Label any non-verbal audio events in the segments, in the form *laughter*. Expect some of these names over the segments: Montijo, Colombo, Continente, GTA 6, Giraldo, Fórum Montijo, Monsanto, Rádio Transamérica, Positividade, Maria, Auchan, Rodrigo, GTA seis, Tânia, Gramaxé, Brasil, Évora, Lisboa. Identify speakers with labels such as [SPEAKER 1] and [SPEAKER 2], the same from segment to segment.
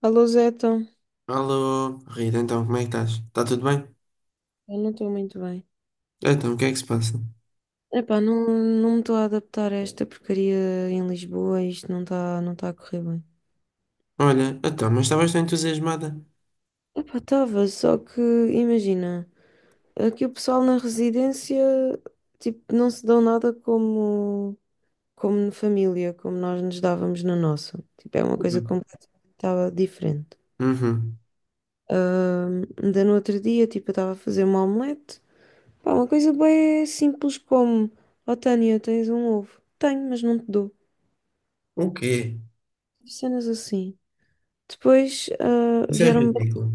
[SPEAKER 1] A Louseta,
[SPEAKER 2] Alô, Rita, então como é que estás? Está tudo bem?
[SPEAKER 1] eu não estou muito bem.
[SPEAKER 2] Então, o que é que se passa?
[SPEAKER 1] Epá, não, não me estou a adaptar a esta porcaria em Lisboa, isto não tá a correr bem.
[SPEAKER 2] Olha, então, mas estavas tão entusiasmada.
[SPEAKER 1] Epá, estava, só que imagina, aqui o pessoal na residência, tipo, não se dão nada como na família, como nós nos dávamos na nossa. Tipo, é uma coisa
[SPEAKER 2] Uhum.
[SPEAKER 1] completamente tava diferente.
[SPEAKER 2] Uhum.
[SPEAKER 1] Ainda no outro dia, tipo, eu estava a fazer uma omelete, pá, uma coisa bem simples como, ó Tânia, tens um ovo? Tenho, mas não te dou.
[SPEAKER 2] O quê?
[SPEAKER 1] Cenas assim. Depois
[SPEAKER 2] Isso é
[SPEAKER 1] vieram-me.
[SPEAKER 2] ridículo.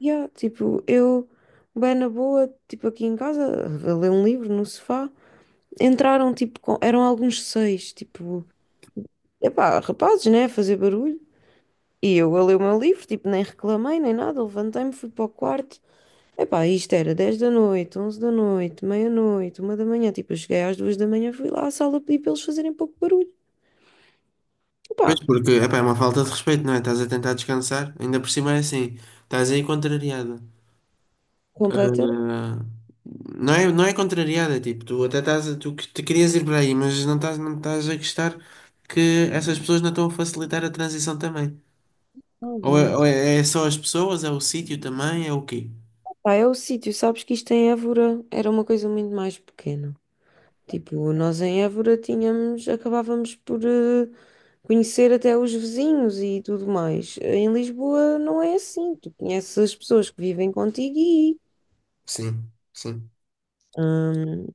[SPEAKER 1] Yeah, tipo, eu, bem na boa, tipo aqui em casa, a ler um livro no sofá. Entraram, tipo, eram alguns seis, tipo, epá, rapazes, né, a fazer barulho. E eu a ler o meu livro, tipo, nem reclamei, nem nada, levantei-me, fui para o quarto. Epá, isto era 10 da noite, 11 da noite, meia-noite, 1 da manhã. Tipo, eu cheguei às 2 da manhã, fui lá à sala pedir para eles fazerem pouco barulho.
[SPEAKER 2] Pois
[SPEAKER 1] Epá,
[SPEAKER 2] porque, epá, é uma falta de respeito, não é? Estás a tentar descansar, ainda por cima é assim, estás aí contrariada.
[SPEAKER 1] completamente.
[SPEAKER 2] Ah, não é, não é contrariada, tipo, tu até estás, tu que te querias ir para aí, mas não estás a gostar que essas pessoas não estão a facilitar a transição também. Ou é só as pessoas, é o sítio também, é o quê?
[SPEAKER 1] Pá, é o sítio, sabes que isto em Évora era uma coisa muito mais pequena. Tipo, nós em Évora tínhamos, acabávamos por conhecer até os vizinhos e tudo mais. Em Lisboa não é assim, tu conheces as pessoas que vivem contigo e,
[SPEAKER 2] Sim, sim.
[SPEAKER 1] hum,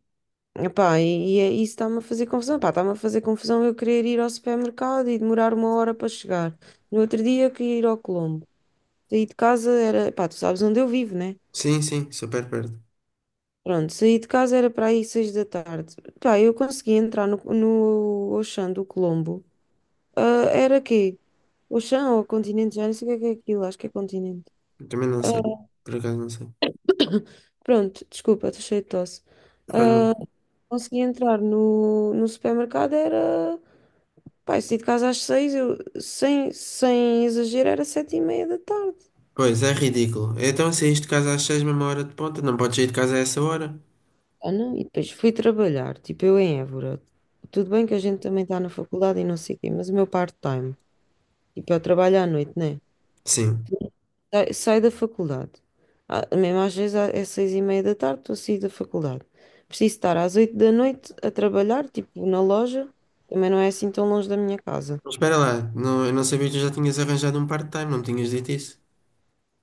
[SPEAKER 1] epá, isso está-me a fazer confusão. Pá, está-me a fazer confusão eu querer ir ao supermercado e demorar uma hora para chegar. No outro dia eu queria ir ao Colombo. Saí de casa era, pá, tu sabes onde eu vivo, né?
[SPEAKER 2] Sim, sim, super perto.
[SPEAKER 1] Pronto, saí de casa era para aí 6 da tarde. Pá, eu consegui entrar no Auchan do Colombo. Era quê? Auchan ou Continente? Já não sei o que é aquilo, acho que é Continente.
[SPEAKER 2] Eu também não
[SPEAKER 1] Ah,
[SPEAKER 2] sei. Por acaso não sei.
[SPEAKER 1] pronto, desculpa, estou cheio de tosse.
[SPEAKER 2] Faz mal.
[SPEAKER 1] Ah, consegui entrar no supermercado, era... Pá, eu saí de casa às seis, eu, sem exagero, era sete e meia da tarde.
[SPEAKER 2] Pois, é ridículo. Então saíste de casa às seis, mesma hora de ponta, não podes sair de casa a essa hora?
[SPEAKER 1] Não? E depois fui trabalhar, tipo eu em Évora. Tudo bem que a gente também está na faculdade e não sei o quê, mas o meu part-time, tipo eu trabalho à noite, né?
[SPEAKER 2] Sim.
[SPEAKER 1] Saio da faculdade. Mesmo às vezes é seis e meia da tarde, estou a sair da faculdade. Preciso estar às 8 da noite a trabalhar, tipo na loja, também não é assim tão longe da minha casa.
[SPEAKER 2] Mas espera lá, não, eu não sabia que tu já tinhas arranjado um part-time, não me tinhas dito isso?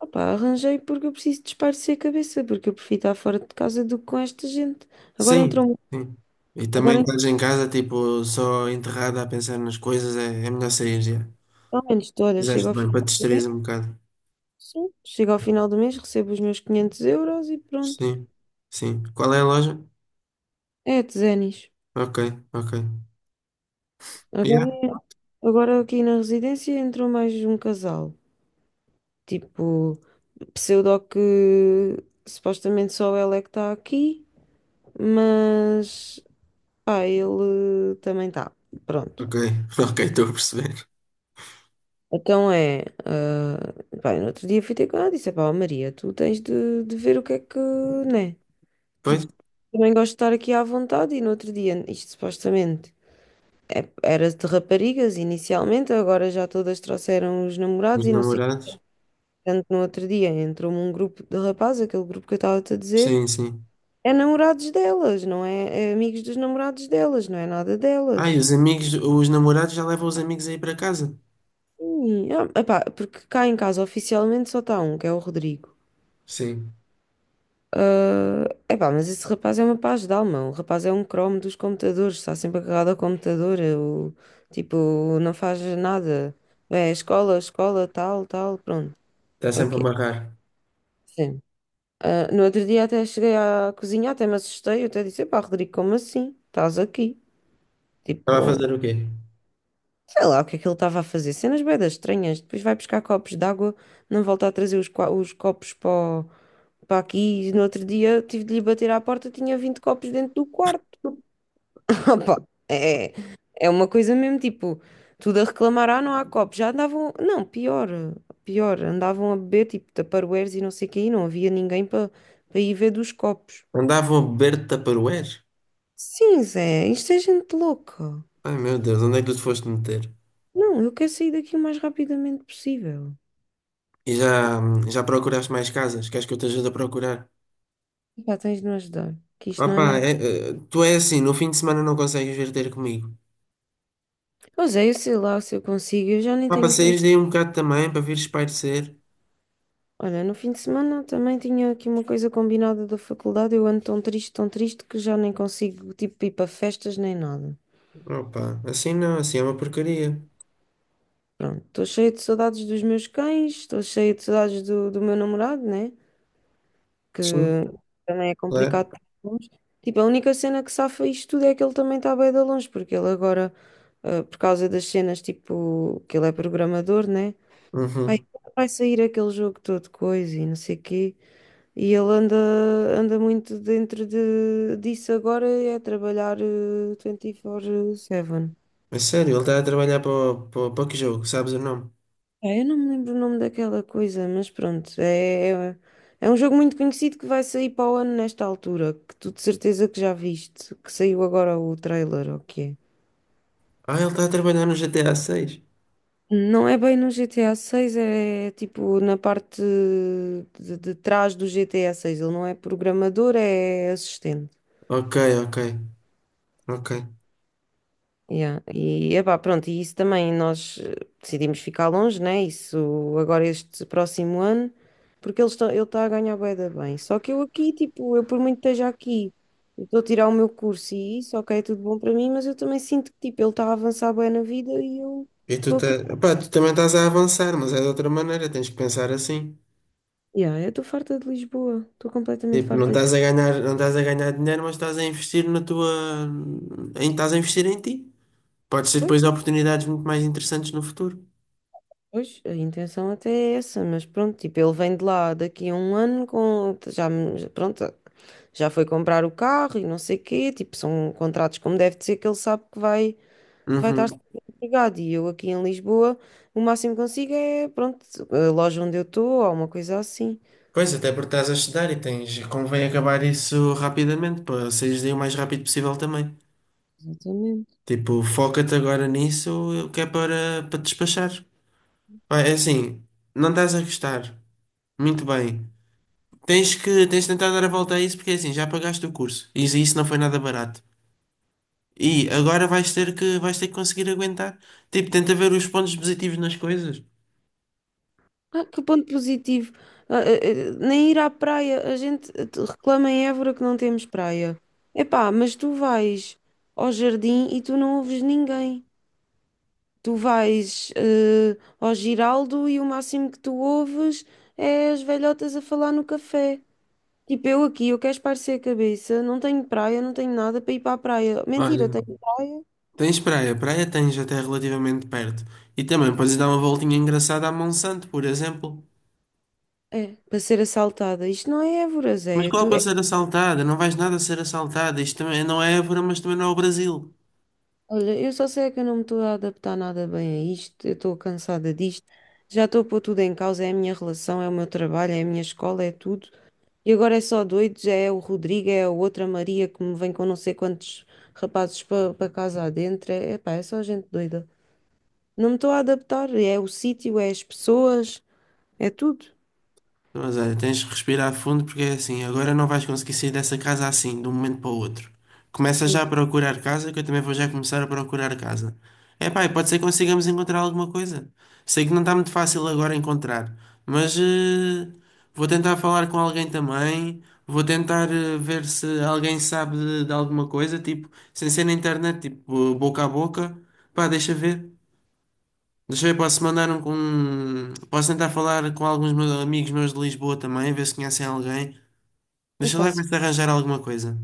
[SPEAKER 1] Opa, arranjei porque eu preciso desaparecer a cabeça, porque eu prefiro estar fora de casa do que com esta gente. Agora
[SPEAKER 2] Sim,
[SPEAKER 1] entrou,
[SPEAKER 2] sim. E também
[SPEAKER 1] agora
[SPEAKER 2] estás em casa, tipo, só enterrada a pensar nas coisas, é, é melhor sair já.
[SPEAKER 1] ao menos estou, olha, chego
[SPEAKER 2] Fizeste
[SPEAKER 1] ao fim,
[SPEAKER 2] bem, para te distrair um bocado.
[SPEAKER 1] sim, chego ao final do mês, recebo os meus 500 euros e pronto.
[SPEAKER 2] Sim, sim. Qual é a loja?
[SPEAKER 1] É, de Zenis.
[SPEAKER 2] Ok, ok. Yeah?
[SPEAKER 1] Agora, agora aqui na residência entrou mais um casal. Tipo. Pseudo que supostamente só ela é que está aqui, mas pá, ele também está. Pronto.
[SPEAKER 2] Ok, *laughs* ok, estou a perceber.
[SPEAKER 1] Então é, pá, no outro dia fui ter com ela e disse, pá, Maria, tu tens de ver o que é que, né? Tipo,
[SPEAKER 2] Pois.
[SPEAKER 1] também gosto de estar aqui à vontade e no outro dia, isto supostamente era de raparigas inicialmente, agora já todas trouxeram os namorados
[SPEAKER 2] Os
[SPEAKER 1] e não sei o que.
[SPEAKER 2] namorados?
[SPEAKER 1] Tanto no outro dia entrou-me um grupo de rapazes, aquele grupo que eu estava-te a dizer,
[SPEAKER 2] Sim, sim.
[SPEAKER 1] é namorados delas, não é? É amigos dos namorados delas, não é nada
[SPEAKER 2] Ah, e
[SPEAKER 1] delas.
[SPEAKER 2] os amigos, os namorados já levam os amigos aí para casa?
[SPEAKER 1] Sim, epá, porque cá em casa oficialmente só está um, que é o Rodrigo.
[SPEAKER 2] Sim.
[SPEAKER 1] Epá, mas esse rapaz é uma paz de alma. O rapaz é um cromo dos computadores, está sempre agarrado ao computador. Eu, tipo, não faz nada. É escola, escola, tal, tal, pronto.
[SPEAKER 2] Está
[SPEAKER 1] É o
[SPEAKER 2] sempre a
[SPEAKER 1] quê?
[SPEAKER 2] amarrar.
[SPEAKER 1] Sim. No outro dia até cheguei à cozinha, até me assustei. Eu até disse: pá, Rodrigo, como assim? Estás aqui?
[SPEAKER 2] Estava a
[SPEAKER 1] Tipo.
[SPEAKER 2] fazer o quê?
[SPEAKER 1] Sei lá o que é que ele estava a fazer. Cenas buedas estranhas. Depois vai buscar copos de água, não volta a trazer os copos para aqui. E no outro dia tive de lhe bater à porta, tinha 20 copos dentro do quarto. *laughs* Opa, é, é uma coisa mesmo, tipo, tudo a reclamar, não há copos. Já andavam, não, pior, pior, andavam a beber, tipo, Tupperwares e não sei o quê, e não havia ninguém para ir ver dos copos.
[SPEAKER 2] Andavam a beber Tupperware?
[SPEAKER 1] Sim, Zé, isto é gente louca.
[SPEAKER 2] Ai meu Deus, onde é que tu te foste meter?
[SPEAKER 1] Não, eu quero sair daqui o mais rapidamente possível.
[SPEAKER 2] E já, já procuraste mais casas? Queres que eu te ajude a procurar?
[SPEAKER 1] Pá, tens de me ajudar, que isto não é
[SPEAKER 2] Opa,
[SPEAKER 1] nada.
[SPEAKER 2] é, tu é assim, no fim de semana não consegues vir ter comigo.
[SPEAKER 1] Pois é, eu sei lá se eu consigo, eu já nem
[SPEAKER 2] Pá, para
[SPEAKER 1] tenho.
[SPEAKER 2] saíres daí um bocado também, para vires espairecer.
[SPEAKER 1] Olha, no fim de semana também tinha aqui uma coisa combinada da faculdade, eu ando tão triste que já nem consigo, tipo, ir para festas nem nada.
[SPEAKER 2] Opa, assim não, assim é uma porcaria.
[SPEAKER 1] Pronto, estou cheia de saudades dos meus cães, estou cheia de saudades do meu namorado, né? Que
[SPEAKER 2] Sim,
[SPEAKER 1] também é
[SPEAKER 2] claro.
[SPEAKER 1] complicado estar longe. Tipo, a única cena que safa isto tudo é que ele também está bem de longe, porque ele agora, por causa das cenas, tipo, que ele é programador, né? Vai,
[SPEAKER 2] Uhum.
[SPEAKER 1] vai sair aquele jogo todo coisa e não sei o quê. E ele anda muito dentro disso agora, é trabalhar 24/7.
[SPEAKER 2] É sério, ele está a trabalhar para, para, para que jogo? Sabes o nome?
[SPEAKER 1] É, eu não me lembro o nome daquela coisa, mas pronto, é um jogo muito conhecido que vai sair para o ano nesta altura, que tu de certeza que já viste, que saiu agora o trailer, ou o que é.
[SPEAKER 2] Ah, ele está a trabalhar no GTA 6.
[SPEAKER 1] Não é bem no GTA 6, é tipo na parte de trás do GTA 6. Ele não é programador, é assistente.
[SPEAKER 2] Ok, ok, ok.
[SPEAKER 1] Yeah. E epá, pronto, e isso também nós decidimos ficar longe, né? Isso agora este próximo ano, porque ele está a ganhar bué da bem. Só que eu aqui, tipo, eu por muito que esteja aqui, eu estou a tirar o meu curso e isso, ok, é tudo bom para mim, mas eu também sinto que tipo, ele está a avançar bem na vida e eu
[SPEAKER 2] E tu,
[SPEAKER 1] estou
[SPEAKER 2] tá...
[SPEAKER 1] aqui.
[SPEAKER 2] Epá, tu também estás a avançar, mas é de outra maneira, tens que pensar assim.
[SPEAKER 1] Yeah, eu estou farta de Lisboa, estou completamente
[SPEAKER 2] Tipo, não
[SPEAKER 1] farta
[SPEAKER 2] estás a
[SPEAKER 1] de.
[SPEAKER 2] ganhar, não estás a ganhar dinheiro, mas estás a investir na tua. Em, estás a investir em ti. Pode ser
[SPEAKER 1] Pois,
[SPEAKER 2] depois oportunidades muito mais interessantes no futuro.
[SPEAKER 1] pois, a intenção até é essa, mas pronto, tipo, ele vem de lá daqui a um ano com já, pronto. Já foi comprar o carro e não sei quê, tipo, são contratos como deve de ser, que ele sabe que vai estar
[SPEAKER 2] Uhum.
[SPEAKER 1] sempre empregado. E eu aqui em Lisboa, o máximo que consigo é, pronto, a loja onde eu estou ou uma coisa assim.
[SPEAKER 2] Pois, até porque estás a estudar e tens. Convém acabar isso rapidamente, para saíres daí o mais rápido possível também.
[SPEAKER 1] Exatamente.
[SPEAKER 2] Tipo, foca-te agora nisso, que é para te despachar. Ah, é assim, não estás a gostar. Muito bem. Tens de tentar dar a volta a isso porque é assim, já pagaste o curso. E isso não foi nada barato. E agora vais ter que conseguir aguentar. Tipo, tenta ver os pontos positivos nas coisas.
[SPEAKER 1] Que ponto positivo. Nem ir à praia, a gente reclama em Évora que não temos praia. Epá, mas tu vais ao jardim e tu não ouves ninguém. Tu vais ao Giraldo e o máximo que tu ouves é as velhotas a falar no café. Tipo, eu aqui, eu quero espairecer a cabeça, não tenho praia, não tenho nada para ir para a praia. Mentira,
[SPEAKER 2] Olha,
[SPEAKER 1] tenho...
[SPEAKER 2] tens praia. Praia tens até relativamente perto. E também podes dar uma voltinha engraçada à Monsanto, por exemplo.
[SPEAKER 1] É, para ser assaltada. Isto não é Évora,
[SPEAKER 2] Mas
[SPEAKER 1] Zé. é
[SPEAKER 2] qual
[SPEAKER 1] Tu...
[SPEAKER 2] é para
[SPEAKER 1] é-
[SPEAKER 2] ser assaltada? Não vais nada ser assaltada. Isto também não é Évora, mas também não é o Brasil.
[SPEAKER 1] Olha, eu só sei é que eu não me estou a adaptar nada bem a isto, eu estou cansada disto, já estou a pôr tudo em causa, é a minha relação, é o meu trabalho, é a minha escola, é tudo. E agora é só doidos, é o Rodrigo, é a outra Maria que me vem com não sei quantos rapazes para casa adentro. É, epá, é só gente doida. Não me estou a adaptar, é o sítio, é as pessoas, é tudo.
[SPEAKER 2] Mas olha, tens de respirar fundo porque é assim, agora não vais conseguir sair dessa casa assim, de um momento para o outro. Começa
[SPEAKER 1] Ui,
[SPEAKER 2] já a procurar casa, que eu também vou já começar a procurar casa. É pá, e pode ser que consigamos encontrar alguma coisa. Sei que não está muito fácil agora encontrar, mas vou tentar falar com alguém também. Vou tentar ver se alguém sabe de alguma coisa, tipo, sem ser na internet, tipo, boca a boca. Pá, deixa ver. Deixa eu ver, posso mandar posso tentar falar com alguns meus amigos meus de Lisboa também, ver se conhecem alguém. Deixa
[SPEAKER 1] epá,
[SPEAKER 2] lá começar a arranjar alguma coisa.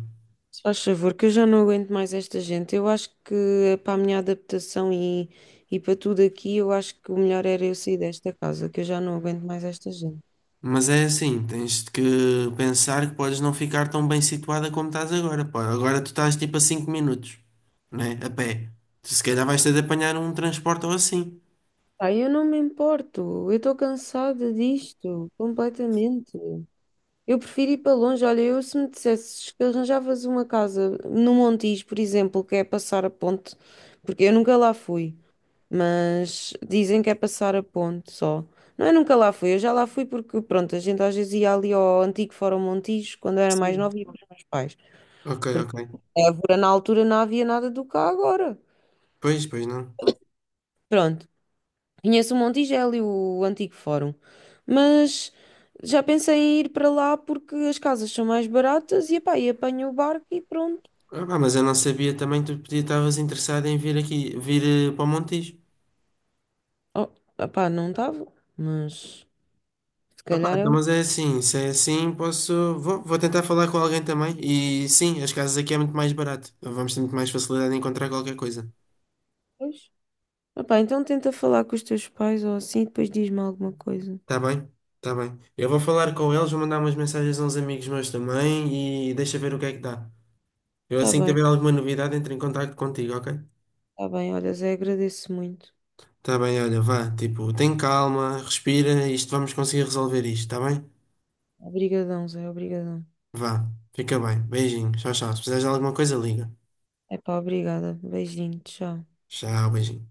[SPEAKER 1] se faz favor, que eu já não aguento mais esta gente. Eu acho que é para a minha adaptação e para tudo aqui, eu acho que o melhor era eu sair desta casa, que eu já não aguento mais esta gente.
[SPEAKER 2] Mas é assim, tens de que pensar que podes não ficar tão bem situada como estás agora, pá. Agora tu estás tipo a 5 minutos, né? A pé. Tu se calhar vais ter de apanhar um transporte ou assim.
[SPEAKER 1] Pá, eu não me importo, eu estou cansada disto, completamente. Eu prefiro ir para longe. Olha, eu se me dissesses que arranjavas uma casa no Montijo, por exemplo, que é passar a ponte, porque eu nunca lá fui. Mas dizem que é passar a ponte só. Não, eu nunca lá fui, eu já lá fui porque, pronto, a gente às vezes ia ali ao antigo Fórum Montijo, quando eu era mais
[SPEAKER 2] Sim.
[SPEAKER 1] nova, ia com os meus pais.
[SPEAKER 2] Ok,
[SPEAKER 1] Porque
[SPEAKER 2] ok.
[SPEAKER 1] em Évora, na altura, não havia nada do que há agora.
[SPEAKER 2] Pois, pois não.
[SPEAKER 1] Pronto, conheço o Montijo, é ali o antigo Fórum. Mas já pensei em ir para lá porque as casas são mais baratas e, epá, e apanho o barco e pronto.
[SPEAKER 2] Ah, pá, mas eu não sabia também que tu podia estavas interessado em vir aqui, vir para o Montijo.
[SPEAKER 1] Oh, epá, não estava, mas se
[SPEAKER 2] Opa,
[SPEAKER 1] calhar é
[SPEAKER 2] então, mas é assim, se é assim, posso. Vou tentar falar com alguém também. E sim, as casas aqui é muito mais barato. Então, vamos ter muito mais facilidade em encontrar qualquer coisa.
[SPEAKER 1] um. Opá, então tenta falar com os teus pais ou assim, depois diz-me alguma coisa.
[SPEAKER 2] Tá bem? Tá bem. Eu vou falar com eles, vou mandar umas mensagens a uns amigos meus também e deixa ver o que é que dá. Eu
[SPEAKER 1] Tá
[SPEAKER 2] assim que
[SPEAKER 1] bem,
[SPEAKER 2] tiver alguma novidade, entro em contacto contigo, ok?
[SPEAKER 1] tá bem. Olha, Zé, agradeço muito.
[SPEAKER 2] Tá bem, olha, vá. Tipo, tem calma, respira, isto vamos conseguir resolver isto, tá bem?
[SPEAKER 1] Obrigadão, Zé, obrigadão.
[SPEAKER 2] Vá. Fica bem. Beijinho. Tchau, tchau. Se precisares de alguma coisa, liga.
[SPEAKER 1] É pá, obrigada. Beijinho, tchau.
[SPEAKER 2] Tchau, beijinho.